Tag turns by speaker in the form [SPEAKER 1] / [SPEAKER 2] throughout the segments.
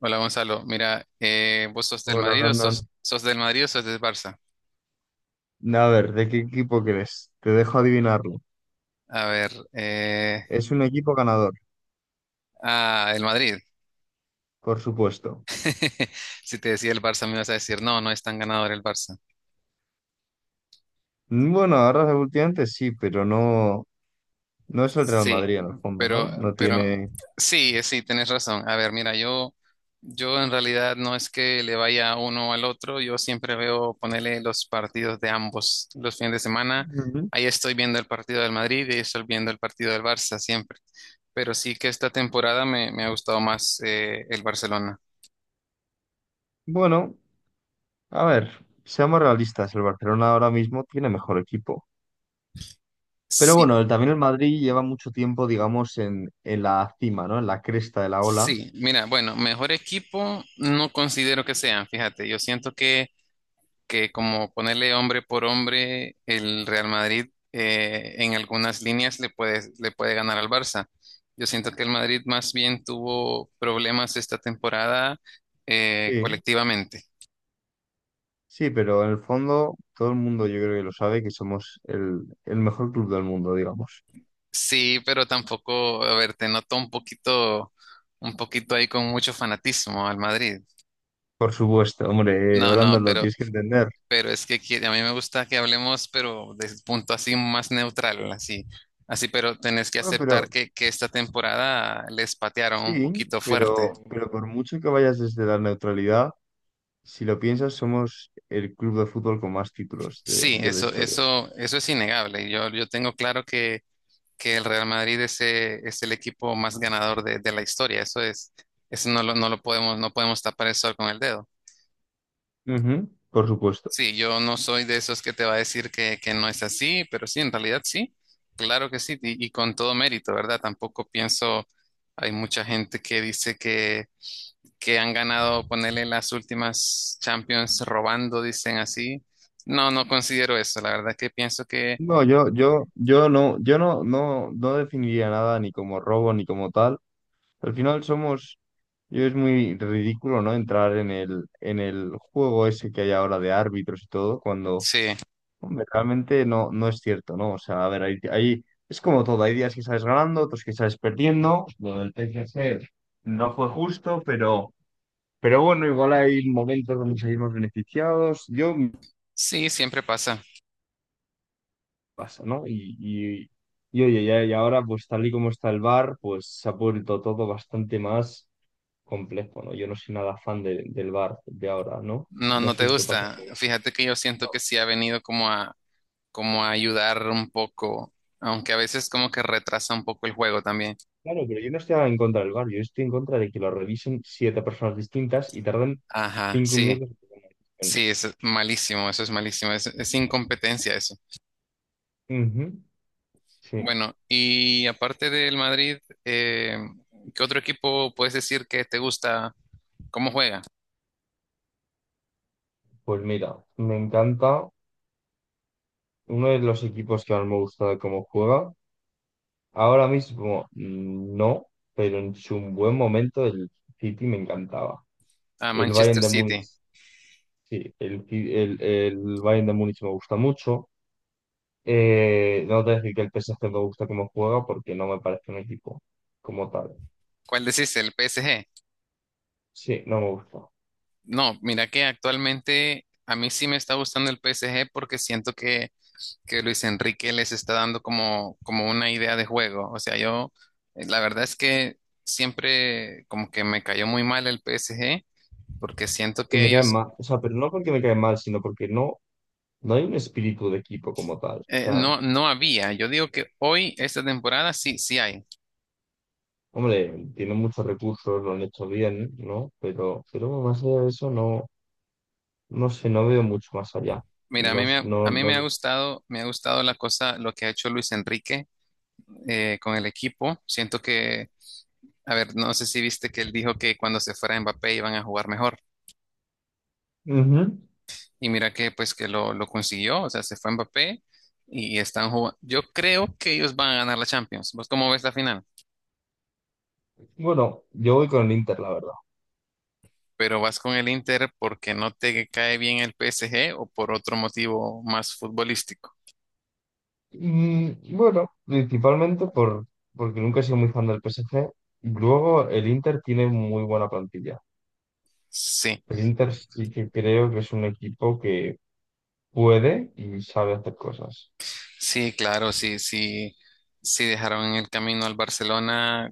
[SPEAKER 1] Hola Gonzalo, mira, ¿vos sos del
[SPEAKER 2] Hola,
[SPEAKER 1] Madrid o sos,
[SPEAKER 2] Brandon.
[SPEAKER 1] sos del Madrid o sos del Barça?
[SPEAKER 2] A ver, ¿de qué equipo crees? Te dejo adivinarlo.
[SPEAKER 1] A ver,
[SPEAKER 2] Es un equipo ganador,
[SPEAKER 1] ah, el Madrid.
[SPEAKER 2] por supuesto.
[SPEAKER 1] Si te decía el Barça me ibas a decir, no, no es tan ganador el Barça.
[SPEAKER 2] Bueno, ahora últimamente sí, pero no, no es el Real
[SPEAKER 1] Sí,
[SPEAKER 2] Madrid en el fondo, ¿no?
[SPEAKER 1] pero,
[SPEAKER 2] No
[SPEAKER 1] pero
[SPEAKER 2] tiene...
[SPEAKER 1] sí, sí, tienes razón. A ver, mira, yo en realidad no es que le vaya uno al otro, yo siempre veo ponerle los partidos de ambos los fines de semana.
[SPEAKER 2] Ujú.
[SPEAKER 1] Ahí estoy viendo el partido del Madrid y ahí estoy viendo el partido del Barça siempre. Pero sí que esta temporada me ha gustado más el Barcelona.
[SPEAKER 2] Bueno, a ver, seamos realistas, el Barcelona ahora mismo tiene mejor equipo. Pero
[SPEAKER 1] Sí,
[SPEAKER 2] bueno, también el Madrid lleva mucho tiempo, digamos, en la cima, ¿no? En la cresta de la ola.
[SPEAKER 1] sí, mira, bueno, mejor equipo no considero que sean, fíjate, yo siento que como ponerle hombre por hombre, el Real Madrid en algunas líneas le puede ganar al Barça. Yo siento que el Madrid más bien tuvo problemas esta temporada
[SPEAKER 2] Sí.
[SPEAKER 1] colectivamente.
[SPEAKER 2] Sí, pero en el fondo todo el mundo yo creo que lo sabe que somos el mejor club del mundo, digamos.
[SPEAKER 1] Sí, pero tampoco, a ver, te noto un poquito ahí con mucho fanatismo al Madrid.
[SPEAKER 2] Por supuesto, hombre,
[SPEAKER 1] No, no,
[SPEAKER 2] Brandon, lo tienes que entender.
[SPEAKER 1] pero es que quiere- a mí me gusta que hablemos, pero desde un punto así más neutral, así, así, pero tenés que
[SPEAKER 2] Bueno,
[SPEAKER 1] aceptar
[SPEAKER 2] pero
[SPEAKER 1] que esta temporada les patearon un
[SPEAKER 2] sí,
[SPEAKER 1] poquito fuerte.
[SPEAKER 2] pero por mucho que vayas desde la neutralidad, si lo piensas, somos el club de fútbol con más títulos de,
[SPEAKER 1] Sí,
[SPEAKER 2] de la
[SPEAKER 1] eso,
[SPEAKER 2] historia.
[SPEAKER 1] eso, eso es innegable. Yo tengo claro que el Real Madrid es el equipo más ganador de la historia. Eso es, eso no lo podemos, no podemos tapar el sol con el dedo.
[SPEAKER 2] Ujú, por supuesto.
[SPEAKER 1] Sí, yo no soy de esos que te va a decir que no es así, pero sí, en realidad sí, claro que sí, y con todo mérito, ¿verdad? Tampoco pienso, hay mucha gente que dice que han ganado, ponerle las últimas Champions robando, dicen así. No, no considero eso, la verdad que pienso que
[SPEAKER 2] No, yo no, yo no, no, no definiría nada ni como robo ni como tal. Al final somos, yo es muy ridículo, ¿no? Entrar en el juego ese que hay ahora de árbitros y todo, cuando
[SPEAKER 1] sí,
[SPEAKER 2] hombre, realmente no, no es cierto, ¿no? O sea, a ver, ahí es como todo, hay días que sales ganando, otros que sales perdiendo. Lo del PSG no fue justo, pero bueno, igual hay momentos donde salimos beneficiados. Yo me
[SPEAKER 1] sí, siempre pasa.
[SPEAKER 2] pasa, ¿no? Y oye, ya, y ahora, pues tal y como está el bar pues se ha vuelto todo bastante más complejo, ¿no? Yo no soy nada fan del bar de ahora, ¿no?
[SPEAKER 1] No,
[SPEAKER 2] No
[SPEAKER 1] no
[SPEAKER 2] sé
[SPEAKER 1] te
[SPEAKER 2] si te pasa.
[SPEAKER 1] gusta. Fíjate que yo siento que sí ha venido como a ayudar un poco, aunque a veces como que retrasa un poco el juego también.
[SPEAKER 2] Claro, pero yo no estoy en contra del VAR, yo estoy en contra de que lo revisen siete personas distintas y tardan
[SPEAKER 1] Ajá,
[SPEAKER 2] cinco
[SPEAKER 1] sí.
[SPEAKER 2] minutos en tomar una decisión.
[SPEAKER 1] Sí, eso es malísimo, es incompetencia eso.
[SPEAKER 2] Ujú. Sí,
[SPEAKER 1] Bueno, y aparte del Madrid, eh, ¿qué otro equipo puedes decir que te gusta? ¿Cómo juega?
[SPEAKER 2] pues mira, me encanta uno de los equipos que más me gusta de cómo juega. Ahora mismo no, pero en su buen momento el City me encantaba.
[SPEAKER 1] A
[SPEAKER 2] El
[SPEAKER 1] Manchester
[SPEAKER 2] Bayern de Múnich,
[SPEAKER 1] City.
[SPEAKER 2] sí, el Bayern de Múnich me gusta mucho. No te voy a decir que el PSG me gusta cómo juega porque no me parece un equipo como tal.
[SPEAKER 1] ¿Cuál decís? ¿El PSG?
[SPEAKER 2] Sí, no me gusta.
[SPEAKER 1] No, mira que actualmente a mí sí me está gustando el PSG porque siento que Luis Enrique les está dando como, como una idea de juego. O sea, yo, la verdad es que siempre como que me cayó muy mal el PSG porque siento
[SPEAKER 2] Que
[SPEAKER 1] que
[SPEAKER 2] me caen
[SPEAKER 1] ellos
[SPEAKER 2] mal, o sea, pero no porque me caen mal, sino porque no, no hay un espíritu de equipo como tal. O sea,
[SPEAKER 1] No, no había. Yo digo que hoy, esta temporada, sí, sí hay.
[SPEAKER 2] hombre, tienen muchos recursos, lo han hecho bien, ¿no? Pero más allá de eso, no, no sé, no veo mucho más allá.
[SPEAKER 1] Mira,
[SPEAKER 2] No,
[SPEAKER 1] a
[SPEAKER 2] no,
[SPEAKER 1] mí
[SPEAKER 2] no.
[SPEAKER 1] me ha gustado la cosa, lo que ha hecho Luis Enrique con el equipo. Siento que, a ver, no sé si viste que él dijo que cuando se fuera Mbappé iban a jugar mejor.
[SPEAKER 2] Ujú.
[SPEAKER 1] Y mira que, pues, lo consiguió. O sea, se fue Mbappé y están jugando. Yo creo que ellos van a ganar la Champions. ¿Vos cómo ves la final?
[SPEAKER 2] Bueno, yo voy con el Inter, la verdad.
[SPEAKER 1] Pero vas con el Inter porque no te cae bien el PSG o por otro motivo más futbolístico.
[SPEAKER 2] Bueno, principalmente por, porque nunca he sido muy fan del PSG. Luego, el Inter tiene muy buena plantilla.
[SPEAKER 1] Sí.
[SPEAKER 2] El Inter sí que creo que es un equipo que puede y sabe hacer cosas.
[SPEAKER 1] Sí, claro, sí, sí, sí dejaron en el camino al Barcelona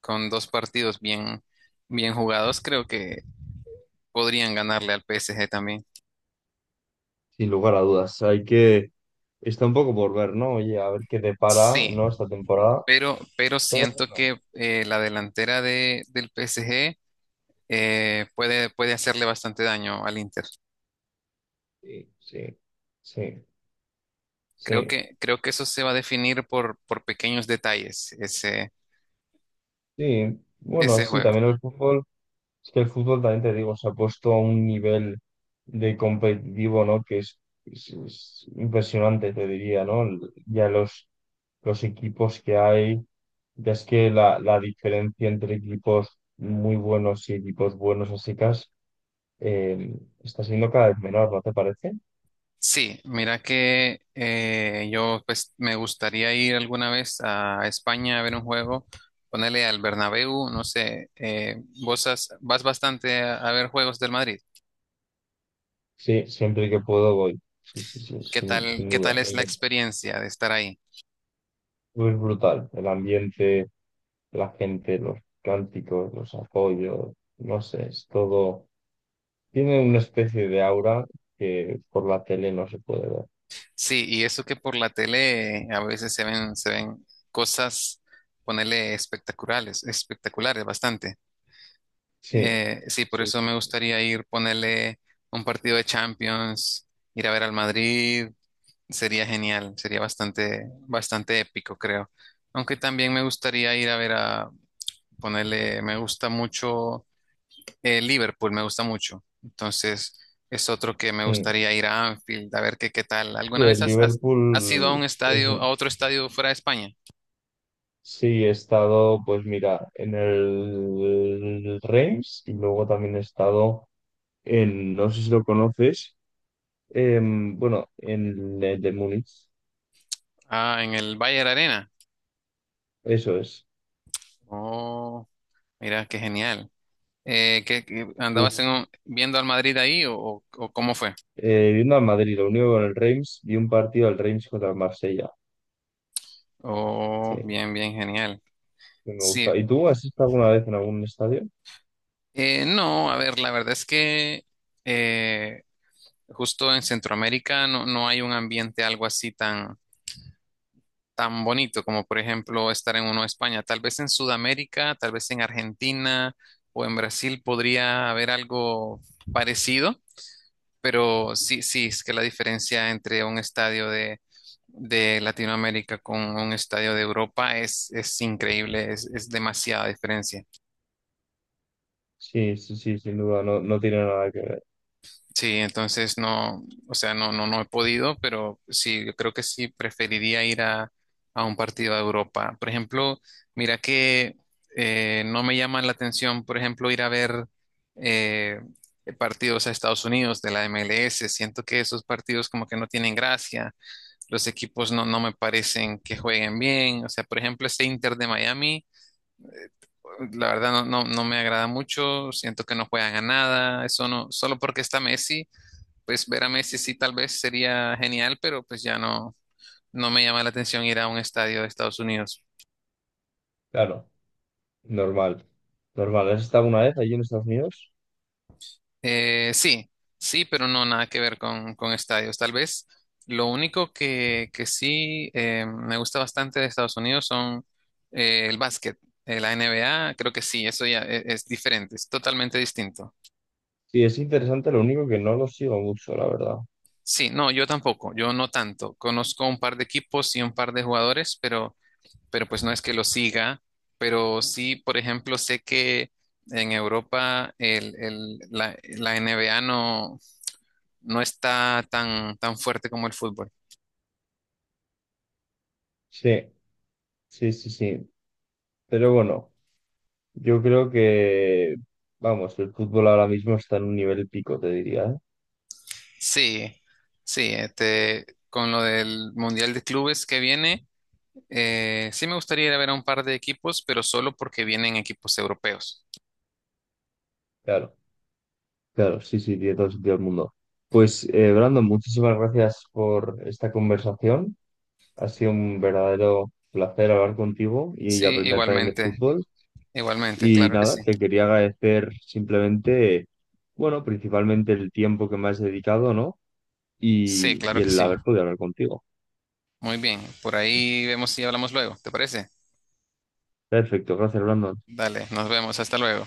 [SPEAKER 1] con dos partidos bien, bien jugados, creo que podrían ganarle al PSG también.
[SPEAKER 2] Sin lugar a dudas. Hay que. Está un poco por ver, ¿no? Oye, a ver qué depara, ¿no?
[SPEAKER 1] Sí,
[SPEAKER 2] Esta temporada.
[SPEAKER 1] pero
[SPEAKER 2] Pero
[SPEAKER 1] siento
[SPEAKER 2] bueno,
[SPEAKER 1] que la delantera del PSG puede hacerle bastante daño al Inter.
[SPEAKER 2] sí, sí, sí, sí,
[SPEAKER 1] Creo que eso se va a definir por pequeños detalles,
[SPEAKER 2] sí. Bueno,
[SPEAKER 1] ese
[SPEAKER 2] sí,
[SPEAKER 1] juego.
[SPEAKER 2] también el fútbol. Es que el fútbol también te digo, se ha puesto a un nivel de competitivo, ¿no? Que es, es impresionante, te diría, ¿no? Ya los equipos que hay. Ya es que la diferencia entre equipos muy buenos y equipos buenos así eh, está siendo cada vez menor, ¿no te parece?
[SPEAKER 1] Sí, mira que yo pues me gustaría ir alguna vez a España a ver un juego, ponerle al Bernabéu, no sé, vos vas bastante a ver juegos del Madrid.
[SPEAKER 2] Sí, siempre que puedo voy. Sí, sí, sí, sin, sin
[SPEAKER 1] Qué
[SPEAKER 2] duda,
[SPEAKER 1] tal es
[SPEAKER 2] me
[SPEAKER 1] la
[SPEAKER 2] encanta.
[SPEAKER 1] experiencia de estar ahí?
[SPEAKER 2] Es brutal, el ambiente, la gente, los cánticos, los apoyos, no sé, es todo. Tiene una especie de aura que por la tele no se puede ver.
[SPEAKER 1] Sí, y eso que por la tele a veces se ven cosas, ponerle espectaculares, espectaculares bastante.
[SPEAKER 2] Sí,
[SPEAKER 1] Sí, por
[SPEAKER 2] sí.
[SPEAKER 1] eso me gustaría ir, ponerle un partido de Champions, ir a ver al Madrid. Sería genial, sería bastante, bastante épico, creo. Aunque también me gustaría ir a ver a ponerle, me gusta mucho Liverpool, me gusta mucho. Entonces, es otro que me
[SPEAKER 2] Mm.
[SPEAKER 1] gustaría ir a Anfield, a ver qué, qué tal.
[SPEAKER 2] Y
[SPEAKER 1] ¿Alguna vez
[SPEAKER 2] el
[SPEAKER 1] ujú, has ido a
[SPEAKER 2] Liverpool,
[SPEAKER 1] un estadio, a otro estadio fuera de España?
[SPEAKER 2] sí, he estado, pues mira, en el Reims y luego también he estado en, no sé si lo conoces, bueno, en el de Múnich,
[SPEAKER 1] Ah, en el Bayern Arena.
[SPEAKER 2] eso es.
[SPEAKER 1] Oh, mira, qué genial.
[SPEAKER 2] Uf.
[SPEAKER 1] Andabas en un- viendo al Madrid ahí o, o cómo fue?
[SPEAKER 2] Viendo al Madrid, lo único con el Reims, vi un partido del Reims contra el Marsella. Sí,
[SPEAKER 1] Oh,
[SPEAKER 2] que
[SPEAKER 1] bien, bien, genial.
[SPEAKER 2] me
[SPEAKER 1] Sí,
[SPEAKER 2] gusta. ¿Y tú has estado alguna vez en algún estadio?
[SPEAKER 1] No, a ver, la verdad es que eh, justo en Centroamérica no, no hay un ambiente algo así tan, tan bonito como por ejemplo estar en uno de España. Tal vez en Sudamérica, tal vez en Argentina o en Brasil podría haber algo parecido, pero sí, sí, es que la diferencia entre un estadio de Latinoamérica con un estadio de Europa es increíble, es demasiada diferencia.
[SPEAKER 2] Sí, sí, sí, sin duda, no, no tiene nada que ver.
[SPEAKER 1] Sí, entonces no, o sea, no, no, no he podido, pero sí, yo creo que sí preferiría ir a un partido de Europa. Por ejemplo, mira que no me llama la atención, por ejemplo, ir a ver eh, partidos a Estados Unidos de la MLS. Siento que esos partidos como que no tienen gracia, los equipos no, no me parecen que jueguen bien. O sea, por ejemplo, este Inter de Miami. La verdad no, no, no me agrada mucho, siento que no juegan a nada, eso no, solo porque está Messi, pues ver a Messi sí tal vez sería genial, pero pues ya no, no me llama la atención ir a un estadio de Estados Unidos.
[SPEAKER 2] Claro, normal. Normal. ¿Has estado alguna vez allí en Estados Unidos?
[SPEAKER 1] Sí, sí, pero no nada que ver con estadios. Tal vez lo único que sí me gusta bastante de Estados Unidos son el básquet. La NBA, creo que sí, eso ya es diferente, es totalmente distinto.
[SPEAKER 2] Sí, es interesante, lo único que no lo sigo mucho, la verdad.
[SPEAKER 1] Sí, no, yo tampoco, yo no tanto. Conozco un par de equipos y un par de jugadores, pero pues no es que lo siga, pero sí, por ejemplo, sé que en Europa la NBA no, no está tan, tan fuerte como el fútbol.
[SPEAKER 2] Sí, sí, sí, sí. Pero bueno, yo creo que, vamos, el fútbol ahora mismo está en un nivel pico, te diría, ¿eh?
[SPEAKER 1] Sí, sí, este, con lo del Mundial de Clubes que viene, sí me gustaría ir a ver a un par de equipos, pero solo porque vienen equipos europeos.
[SPEAKER 2] Claro. Claro, sí, sí, tiene todo el sentido del mundo. Pues, Brandon, muchísimas gracias por esta conversación. Ha sido un verdadero placer hablar contigo y
[SPEAKER 1] Sí,
[SPEAKER 2] aprender también de
[SPEAKER 1] igualmente,
[SPEAKER 2] fútbol.
[SPEAKER 1] igualmente,
[SPEAKER 2] Y
[SPEAKER 1] claro que sí.
[SPEAKER 2] nada, te quería agradecer simplemente, bueno, principalmente el tiempo que me has dedicado, ¿no?
[SPEAKER 1] Sí,
[SPEAKER 2] Y,
[SPEAKER 1] claro
[SPEAKER 2] y
[SPEAKER 1] que
[SPEAKER 2] el
[SPEAKER 1] sí.
[SPEAKER 2] haber podido hablar contigo.
[SPEAKER 1] Muy bien, por ahí vemos si hablamos luego, ¿te parece?
[SPEAKER 2] Perfecto, gracias, Brandon.
[SPEAKER 1] Dale, nos vemos, hasta luego.